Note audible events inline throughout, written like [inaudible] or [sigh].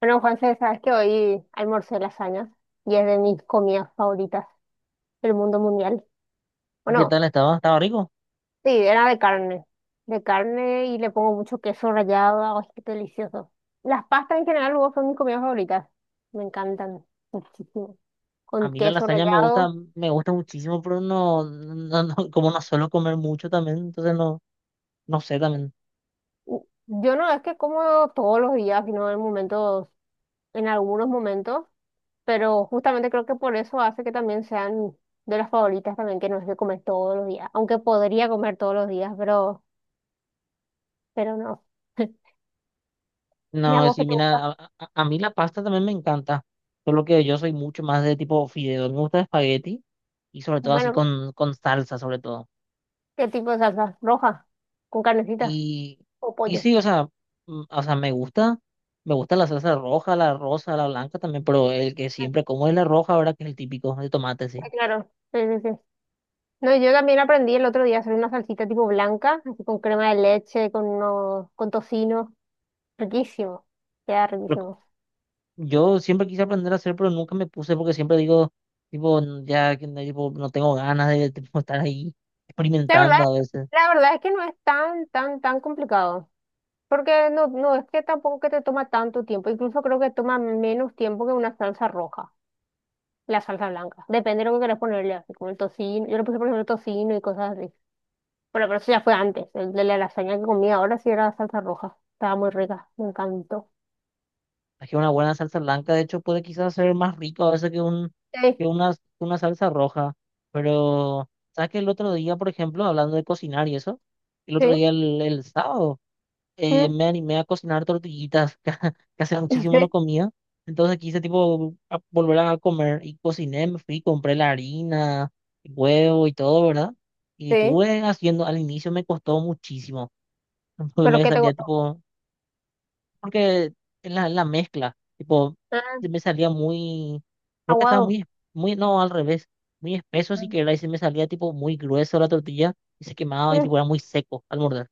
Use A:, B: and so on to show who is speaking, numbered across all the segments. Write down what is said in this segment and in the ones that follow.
A: Bueno, Juanse, sabes que hoy almorcé lasañas y es de mis comidas favoritas del mundo mundial.
B: ¿Qué
A: Bueno,
B: tal? Estaba rico.
A: sí, era de carne. De carne y le pongo mucho queso rallado. Ay, qué delicioso. Las pastas en general luego son mis comidas favoritas. Me encantan muchísimo.
B: A
A: Con
B: mí la
A: queso
B: lasaña
A: rallado.
B: me gusta muchísimo, pero [laughs] como no suelo comer mucho también, entonces no sé también.
A: Y Yo no es que como todos los días, sino en momentos, en algunos momentos, pero justamente creo que por eso hace que también sean de las favoritas también, que no es que comer todos los días. Aunque podría comer todos los días, pero no. ¿Y a
B: No,
A: vos
B: sí,
A: qué te gusta?
B: mira, a mí la pasta también me encanta, solo que yo soy mucho más de tipo fideo. Me gusta espagueti y sobre todo así
A: Bueno,
B: con salsa, sobre todo.
A: ¿qué tipo de salsa? ¿Roja? ¿Con carnecita?
B: Y,
A: ¿O
B: y
A: pollo?
B: sí, o sea, o sea, me gusta la salsa roja, la rosa, la blanca también, pero el que
A: Ah,
B: siempre como es la roja, ahora que es el típico de tomate, sí.
A: sí, claro. Sí, sí, sí. No, yo también aprendí el otro día a hacer una salsita tipo blanca, así con crema de leche, con tocino. Riquísimo. Queda riquísimo.
B: Yo siempre quise aprender a hacer, pero nunca me puse porque siempre digo, tipo, "N- ya que no, tipo, no tengo ganas de tipo, [laughs] estar ahí
A: La verdad,
B: experimentando a veces.
A: la verdad, es que no es tan, tan, tan complicado. Porque no es que tampoco que te toma tanto tiempo. Incluso creo que toma menos tiempo que una salsa roja, la salsa blanca. Depende de lo que quieras ponerle, así como el tocino. Yo le puse, por ejemplo, tocino y cosas así. Bueno, pero eso ya fue antes. El de la lasaña que comí ahora sí era salsa roja. Estaba muy rica, me encantó.
B: Es que una buena salsa blanca, de hecho, puede quizás ser más rico a veces
A: Sí,
B: que una salsa roja. Pero, ¿sabes que el otro día, por ejemplo, hablando de cocinar y eso, el otro
A: sí,
B: día, el sábado,
A: mm,
B: me animé a cocinar tortillitas, [laughs] que hace
A: [laughs]
B: muchísimo no
A: sí,
B: comía. Entonces quise tipo volver a comer y cociné, me fui, compré la harina, huevo y todo, ¿verdad? Y
A: sí.
B: estuve haciendo, al inicio me costó muchísimo, [laughs] porque
A: ¿Pero
B: me
A: qué te
B: salía
A: gustó?
B: tipo, porque es la mezcla, tipo,
A: Ah,
B: se me salía muy, creo que estaba
A: aguado.
B: muy, muy, no, al revés, muy espeso si que
A: Ah,
B: y se me salía tipo muy grueso la tortilla y se quemaba y
A: mm,
B: tipo era muy seco al morder.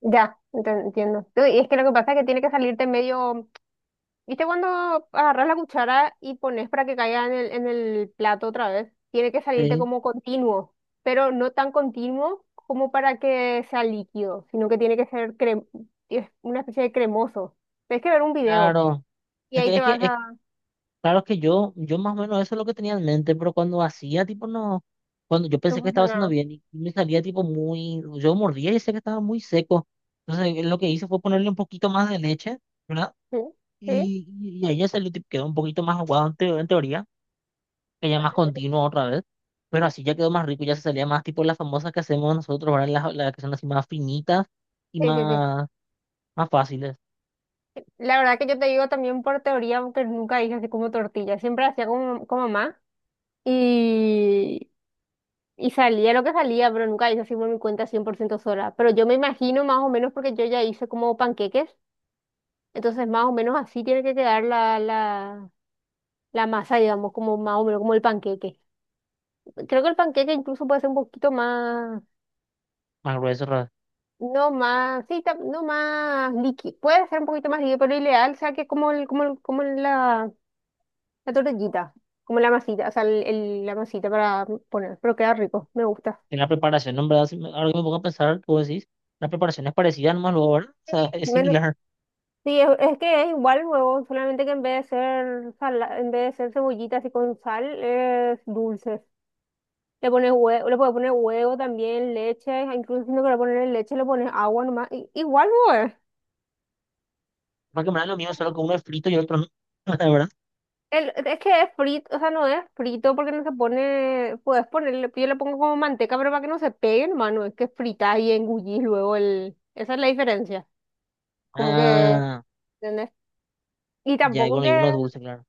A: ya, entiendo. Y es que lo que pasa es que tiene que salirte medio. ¿Viste cuando agarras la cuchara y pones para que caiga en el plato otra vez? Tiene que salirte
B: Sí,
A: como continuo, pero no tan continuo como para que sea líquido, sino que tiene que ser es una especie de cremoso. Tienes que ver un video.
B: claro.
A: Y
B: Es
A: ahí
B: que,
A: te
B: es
A: vas
B: que,
A: a
B: Claro que yo más o menos eso es lo que tenía en mente, pero cuando hacía, tipo, no, cuando yo
A: tu
B: pensé que estaba haciendo
A: funcionario.
B: bien y me salía, tipo, muy, yo mordía y sé que estaba muy seco. Entonces, lo que hice fue ponerle un poquito más de leche, ¿verdad?
A: Sí, sí,
B: Y ahí ya salió, tipo, quedó un poquito más aguado en, en teoría, que ya más continuo otra vez, pero así ya quedó más rico, ya se salía más, tipo, las famosas que hacemos nosotros, ¿verdad? Las que son así más finitas y
A: sí, sí, sí.
B: más, más fáciles,
A: La verdad que yo te digo también por teoría, porque nunca hice así como tortilla. Siempre hacía como mamá y, y salía lo que salía, pero nunca hice así por mi cuenta 100% sola. Pero yo me imagino más o menos porque yo ya hice como panqueques. Entonces más o menos así tiene que quedar la masa, digamos, como más o menos como el panqueque. Creo que el panqueque incluso puede ser un poquito más.
B: más gruesas
A: No más, sí, no más líquido. Puede ser un poquito más líquido, pero ideal, o sea, que como la tortillita, como la masita, o sea, la masita para poner, pero queda rico, me gusta.
B: en la preparación, ¿no? En verdad, si ahora que me pongo a pensar, tú decís, la preparación es parecida nomás luego, ¿verdad? O
A: Sí,
B: sea, es
A: menos-
B: similar.
A: sí, es que es igual el huevo, solamente que en vez de ser cebollitas y con sal, es dulce. Le pones huevo, le puedes poner huevo también, leche, incluso si no quieres poner leche, le pones agua nomás. Igual, huevo.
B: Porque en verdad lo mío, solo que uno es frito y el otro no, [laughs] ¿verdad?
A: Es que es frito, o sea, no es frito porque no se pone, puedes ponerle, yo le pongo como manteca, pero para que no se pegue hermano es que fritas y engullís luego esa es la diferencia, como que,
B: Ah,
A: ¿entendés? Y
B: ya, y
A: tampoco
B: bueno, y
A: que,
B: uno es dulce, claro.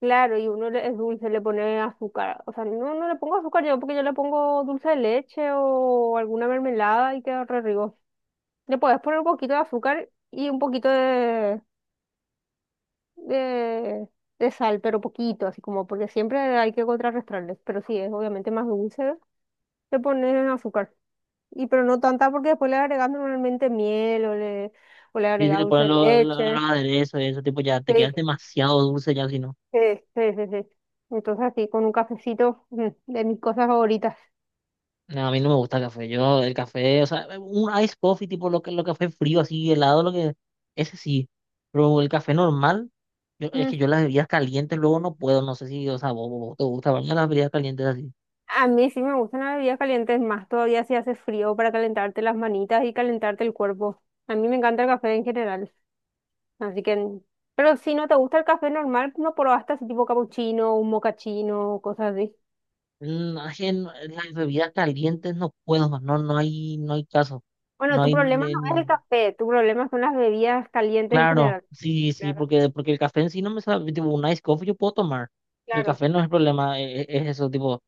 A: claro, y uno es dulce, le pone azúcar, o sea, no le pongo azúcar yo porque yo le pongo dulce de leche o alguna mermelada y queda re rico. Le puedes poner un poquito de azúcar y un poquito de, de sal, pero poquito, así como, porque siempre hay que contrarrestarles, pero sí, es obviamente más dulce. Le pones azúcar. Y pero no tanta porque después le agregas normalmente miel o le
B: Y si
A: agregas
B: le
A: dulce
B: ponen
A: de
B: los
A: leche.
B: aderezos y eso, tipo, ya te
A: Sí,
B: quedas demasiado dulce ya, si no.
A: sí, sí, sí, sí. Entonces así con un cafecito, de mis cosas favoritas.
B: No, a mí no me gusta el café. Yo, el café, o sea, un ice coffee, tipo, lo que, lo café frío, así, helado, lo que, ese sí. Pero el café normal, es
A: Mm.
B: que yo las bebidas calientes luego no puedo, no sé si, o sea, vos te gusta, ¿verdad? Las bebidas calientes así.
A: A mí sí me gustan las bebidas calientes más todavía si hace frío para calentarte las manitas y calentarte el cuerpo. A mí me encanta el café en general. Así que, pero si no te gusta el café normal, no probaste así tipo capuchino, un mocachino, cosas así.
B: No, es que las bebidas calientes no puedo, no, no hay caso.
A: Bueno,
B: No
A: tu
B: hay,
A: problema no es el
B: nen-
A: café, tu problema son las bebidas calientes en
B: claro,
A: general.
B: sí, sí,
A: Claro,
B: porque el café en sí no me sabe, tipo, un ice coffee yo puedo tomar. El
A: claro.
B: café no es el problema, es, eso, tipo,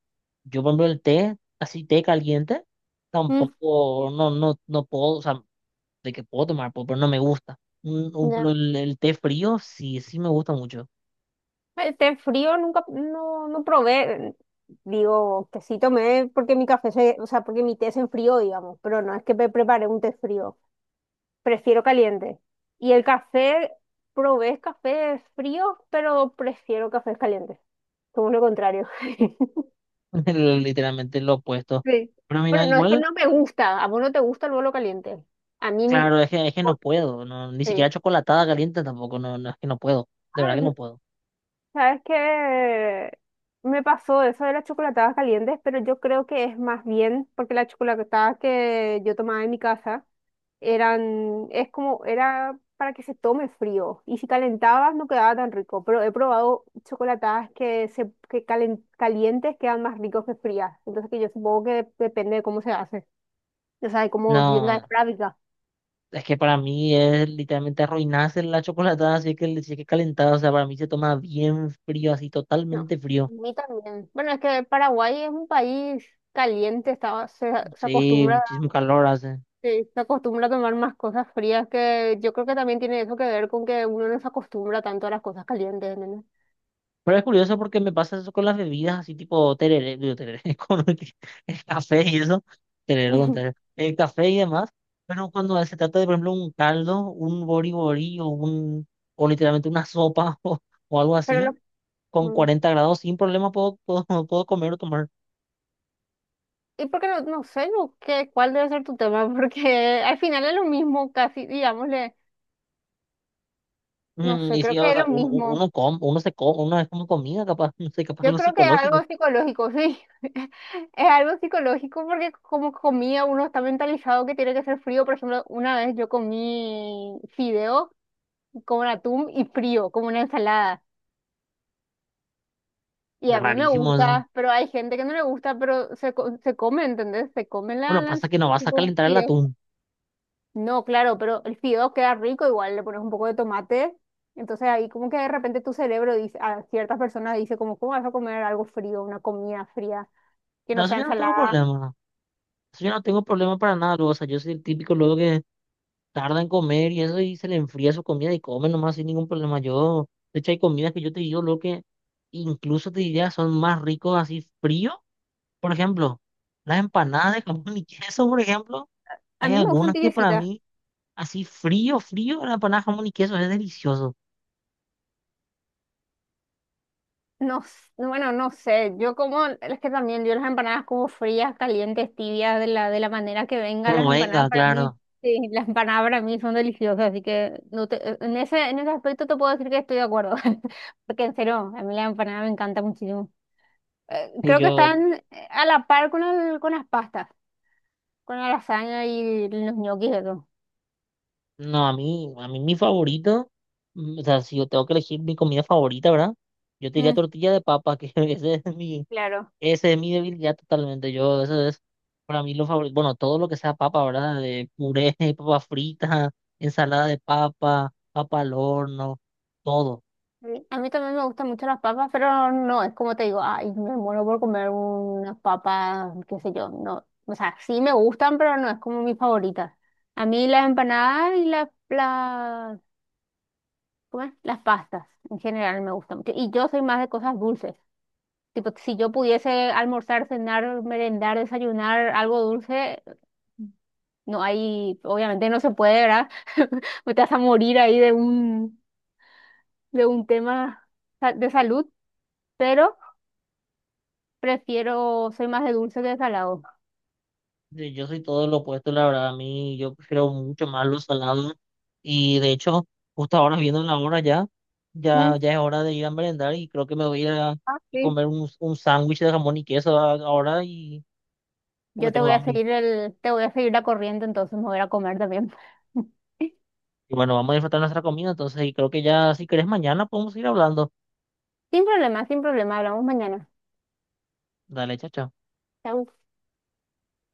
B: yo por ejemplo el té, así té caliente,
A: Mm,
B: tampoco, no puedo, o sea, de que puedo tomar, puedo, pero no me gusta.
A: ya.
B: Pero el té frío, sí, sí me gusta mucho.
A: Té frío nunca, no probé. Digo, que sí tomé porque mi café se, o sea, porque mi té se enfrió, digamos, pero no es que me preparé un té frío. Prefiero caliente. Y el café, probé café frío, pero prefiero cafés calientes. Como lo contrario. [laughs]
B: [laughs] Literalmente lo opuesto.
A: Sí.
B: Pero mira,
A: Bueno, no es que
B: igual
A: no me gusta. A vos no te gusta el bolo caliente. A mí,
B: claro, es que no
A: o-
B: puedo, no, ni
A: sí.
B: siquiera chocolatada caliente tampoco, es que no puedo, de verdad que
A: Ah,
B: no puedo.
A: sabes que me pasó eso de las chocolatadas calientes, pero yo creo que es más bien porque las chocolatadas que yo tomaba en mi casa eran, es como, era para que se tome frío. Y si calentabas no quedaba tan rico, pero he probado chocolatadas que se, que calen- calientes quedan más ricos que frías. Entonces que yo supongo que depende de cómo se hace. O sea, de cómo venga
B: No,
A: de
B: no,
A: fábrica.
B: es que para mí es literalmente arruinarse la chocolatada si es que, si es que calentada, o sea, para mí se toma bien frío, así
A: No, a
B: totalmente frío.
A: mí también. Bueno, es que Paraguay es un país caliente, estaba, se
B: Sí,
A: acostumbra.
B: muchísimo calor hace.
A: Sí, se acostumbra a tomar más cosas frías que yo creo que también tiene eso que ver con que uno no se acostumbra tanto a las cosas calientes, nene.
B: Pero es curioso porque me pasa eso con las bebidas, así tipo tereré, digo, tereré, [laughs] con el café y eso, tereré con
A: [laughs]
B: tereré, el café y demás, pero cuando se trata de, por ejemplo, un caldo, un bori-bori o un, o literalmente una sopa [laughs] o algo
A: Pero
B: así,
A: lo-
B: con
A: mm.
B: 40 grados, sin problema puedo, puedo, [laughs] puedo comer o tomar.
A: Y porque no sé yo cuál debe ser tu tema, [laughs] porque al final es lo mismo, casi, digámosle, no
B: Mm,
A: sé,
B: y
A: creo
B: sí,
A: que
B: o
A: es
B: sea,
A: lo
B: uno,
A: mismo.
B: uno, come, uno se come, uno es como comida, capaz, [laughs] no sé, capaz
A: Yo
B: algo
A: creo que es
B: psicológico,
A: algo psicológico, sí. [laughs] Es algo psicológico porque como comía uno está mentalizado que tiene que ser frío. Por ejemplo, una vez yo comí fideo con atún y frío, como una ensalada. Y
B: es
A: a mí me
B: rarísimo eso.
A: gusta, pero hay gente que no le gusta, pero se come, ¿entendés? Se come la,
B: Bueno,
A: la
B: pasa que no vas a
A: tipo
B: calentar el
A: fideo.
B: atún,
A: No, claro, pero el fideo queda rico, igual le pones un poco de tomate. Entonces ahí como que de repente tu cerebro dice, a ciertas personas dice como, ¿cómo vas a comer algo frío, una comida fría, que
B: no,
A: no
B: eso
A: sea
B: yo no tengo
A: ensalada?
B: problema. Eso yo no tengo problema para nada, luego, o sea, yo soy el típico luego que tarda en comer y eso y se le enfría su comida y come nomás sin ningún problema. Yo, de hecho, hay comidas que yo te digo luego que incluso te diría son más ricos así frío. Por ejemplo, las empanadas de jamón y [laughs] queso, por ejemplo,
A: A
B: hay
A: mí me gustan
B: algunas que para
A: tibiecitas.
B: mí así frío, frío, la empanada de jamón y queso es delicioso.
A: No, bueno, no sé, yo como, es que también yo las empanadas como frías, calientes, tibias, de la manera que venga
B: Como
A: las empanadas
B: venga,
A: para mí,
B: claro.
A: sí, las empanadas para mí son deliciosas, así que no te, e, en ese aspecto te puedo decir que estoy de acuerdo, [laughs] porque en serio, a mí la empanada me encanta muchísimo.
B: Y
A: Creo que
B: yo,
A: están a la par con las pastas, con la lasaña y los ñoquis y eso.
B: no, a mí mi favorito, mm, o sea, si yo tengo que elegir mi comida favorita, ¿verdad? Yo te diría
A: Mm,
B: tortilla de papa, que [laughs] ese es mi
A: claro.
B: Esa es mi debilidad totalmente. Yo, eso es para mí lo favorito. Bueno, todo lo que sea papa, ¿verdad? De puré, [laughs] papa frita, ensalada de papa, papa al horno, todo.
A: Sí, a mí también me gustan mucho las papas, pero no, es como te digo, ay, me muero por comer unas papas, qué sé yo, no, o sea, sí me gustan, pero no es como mi favorita. A mí las empanadas y ¿cómo es? Las pastas en general me gustan mucho. Y yo soy más de cosas dulces. Tipo, si yo pudiese almorzar, cenar, merendar, desayunar algo dulce, no hay, obviamente no se puede, ¿verdad? [laughs] Me Te vas a morir ahí de un tema de salud, pero prefiero, soy más de dulce que de salado.
B: Yo soy todo lo opuesto, la verdad. A mí, yo prefiero mucho más los salados. Y de hecho, justo ahora viendo la hora ya,
A: Mm,
B: ya es hora de ir a merendar y creo que me voy a ir a
A: ah, sí.
B: comer un sándwich de jamón y queso ahora y porque
A: Yo te
B: tengo
A: voy a
B: hambre.
A: seguir la corriente, entonces me voy a ir a comer también. [laughs]
B: Y bueno, vamos a disfrutar nuestra comida, entonces, y creo que ya, si querés, mañana podemos ir hablando.
A: Sin problema, sin problema, hablamos mañana.
B: Dale, chao, chao.
A: Chau.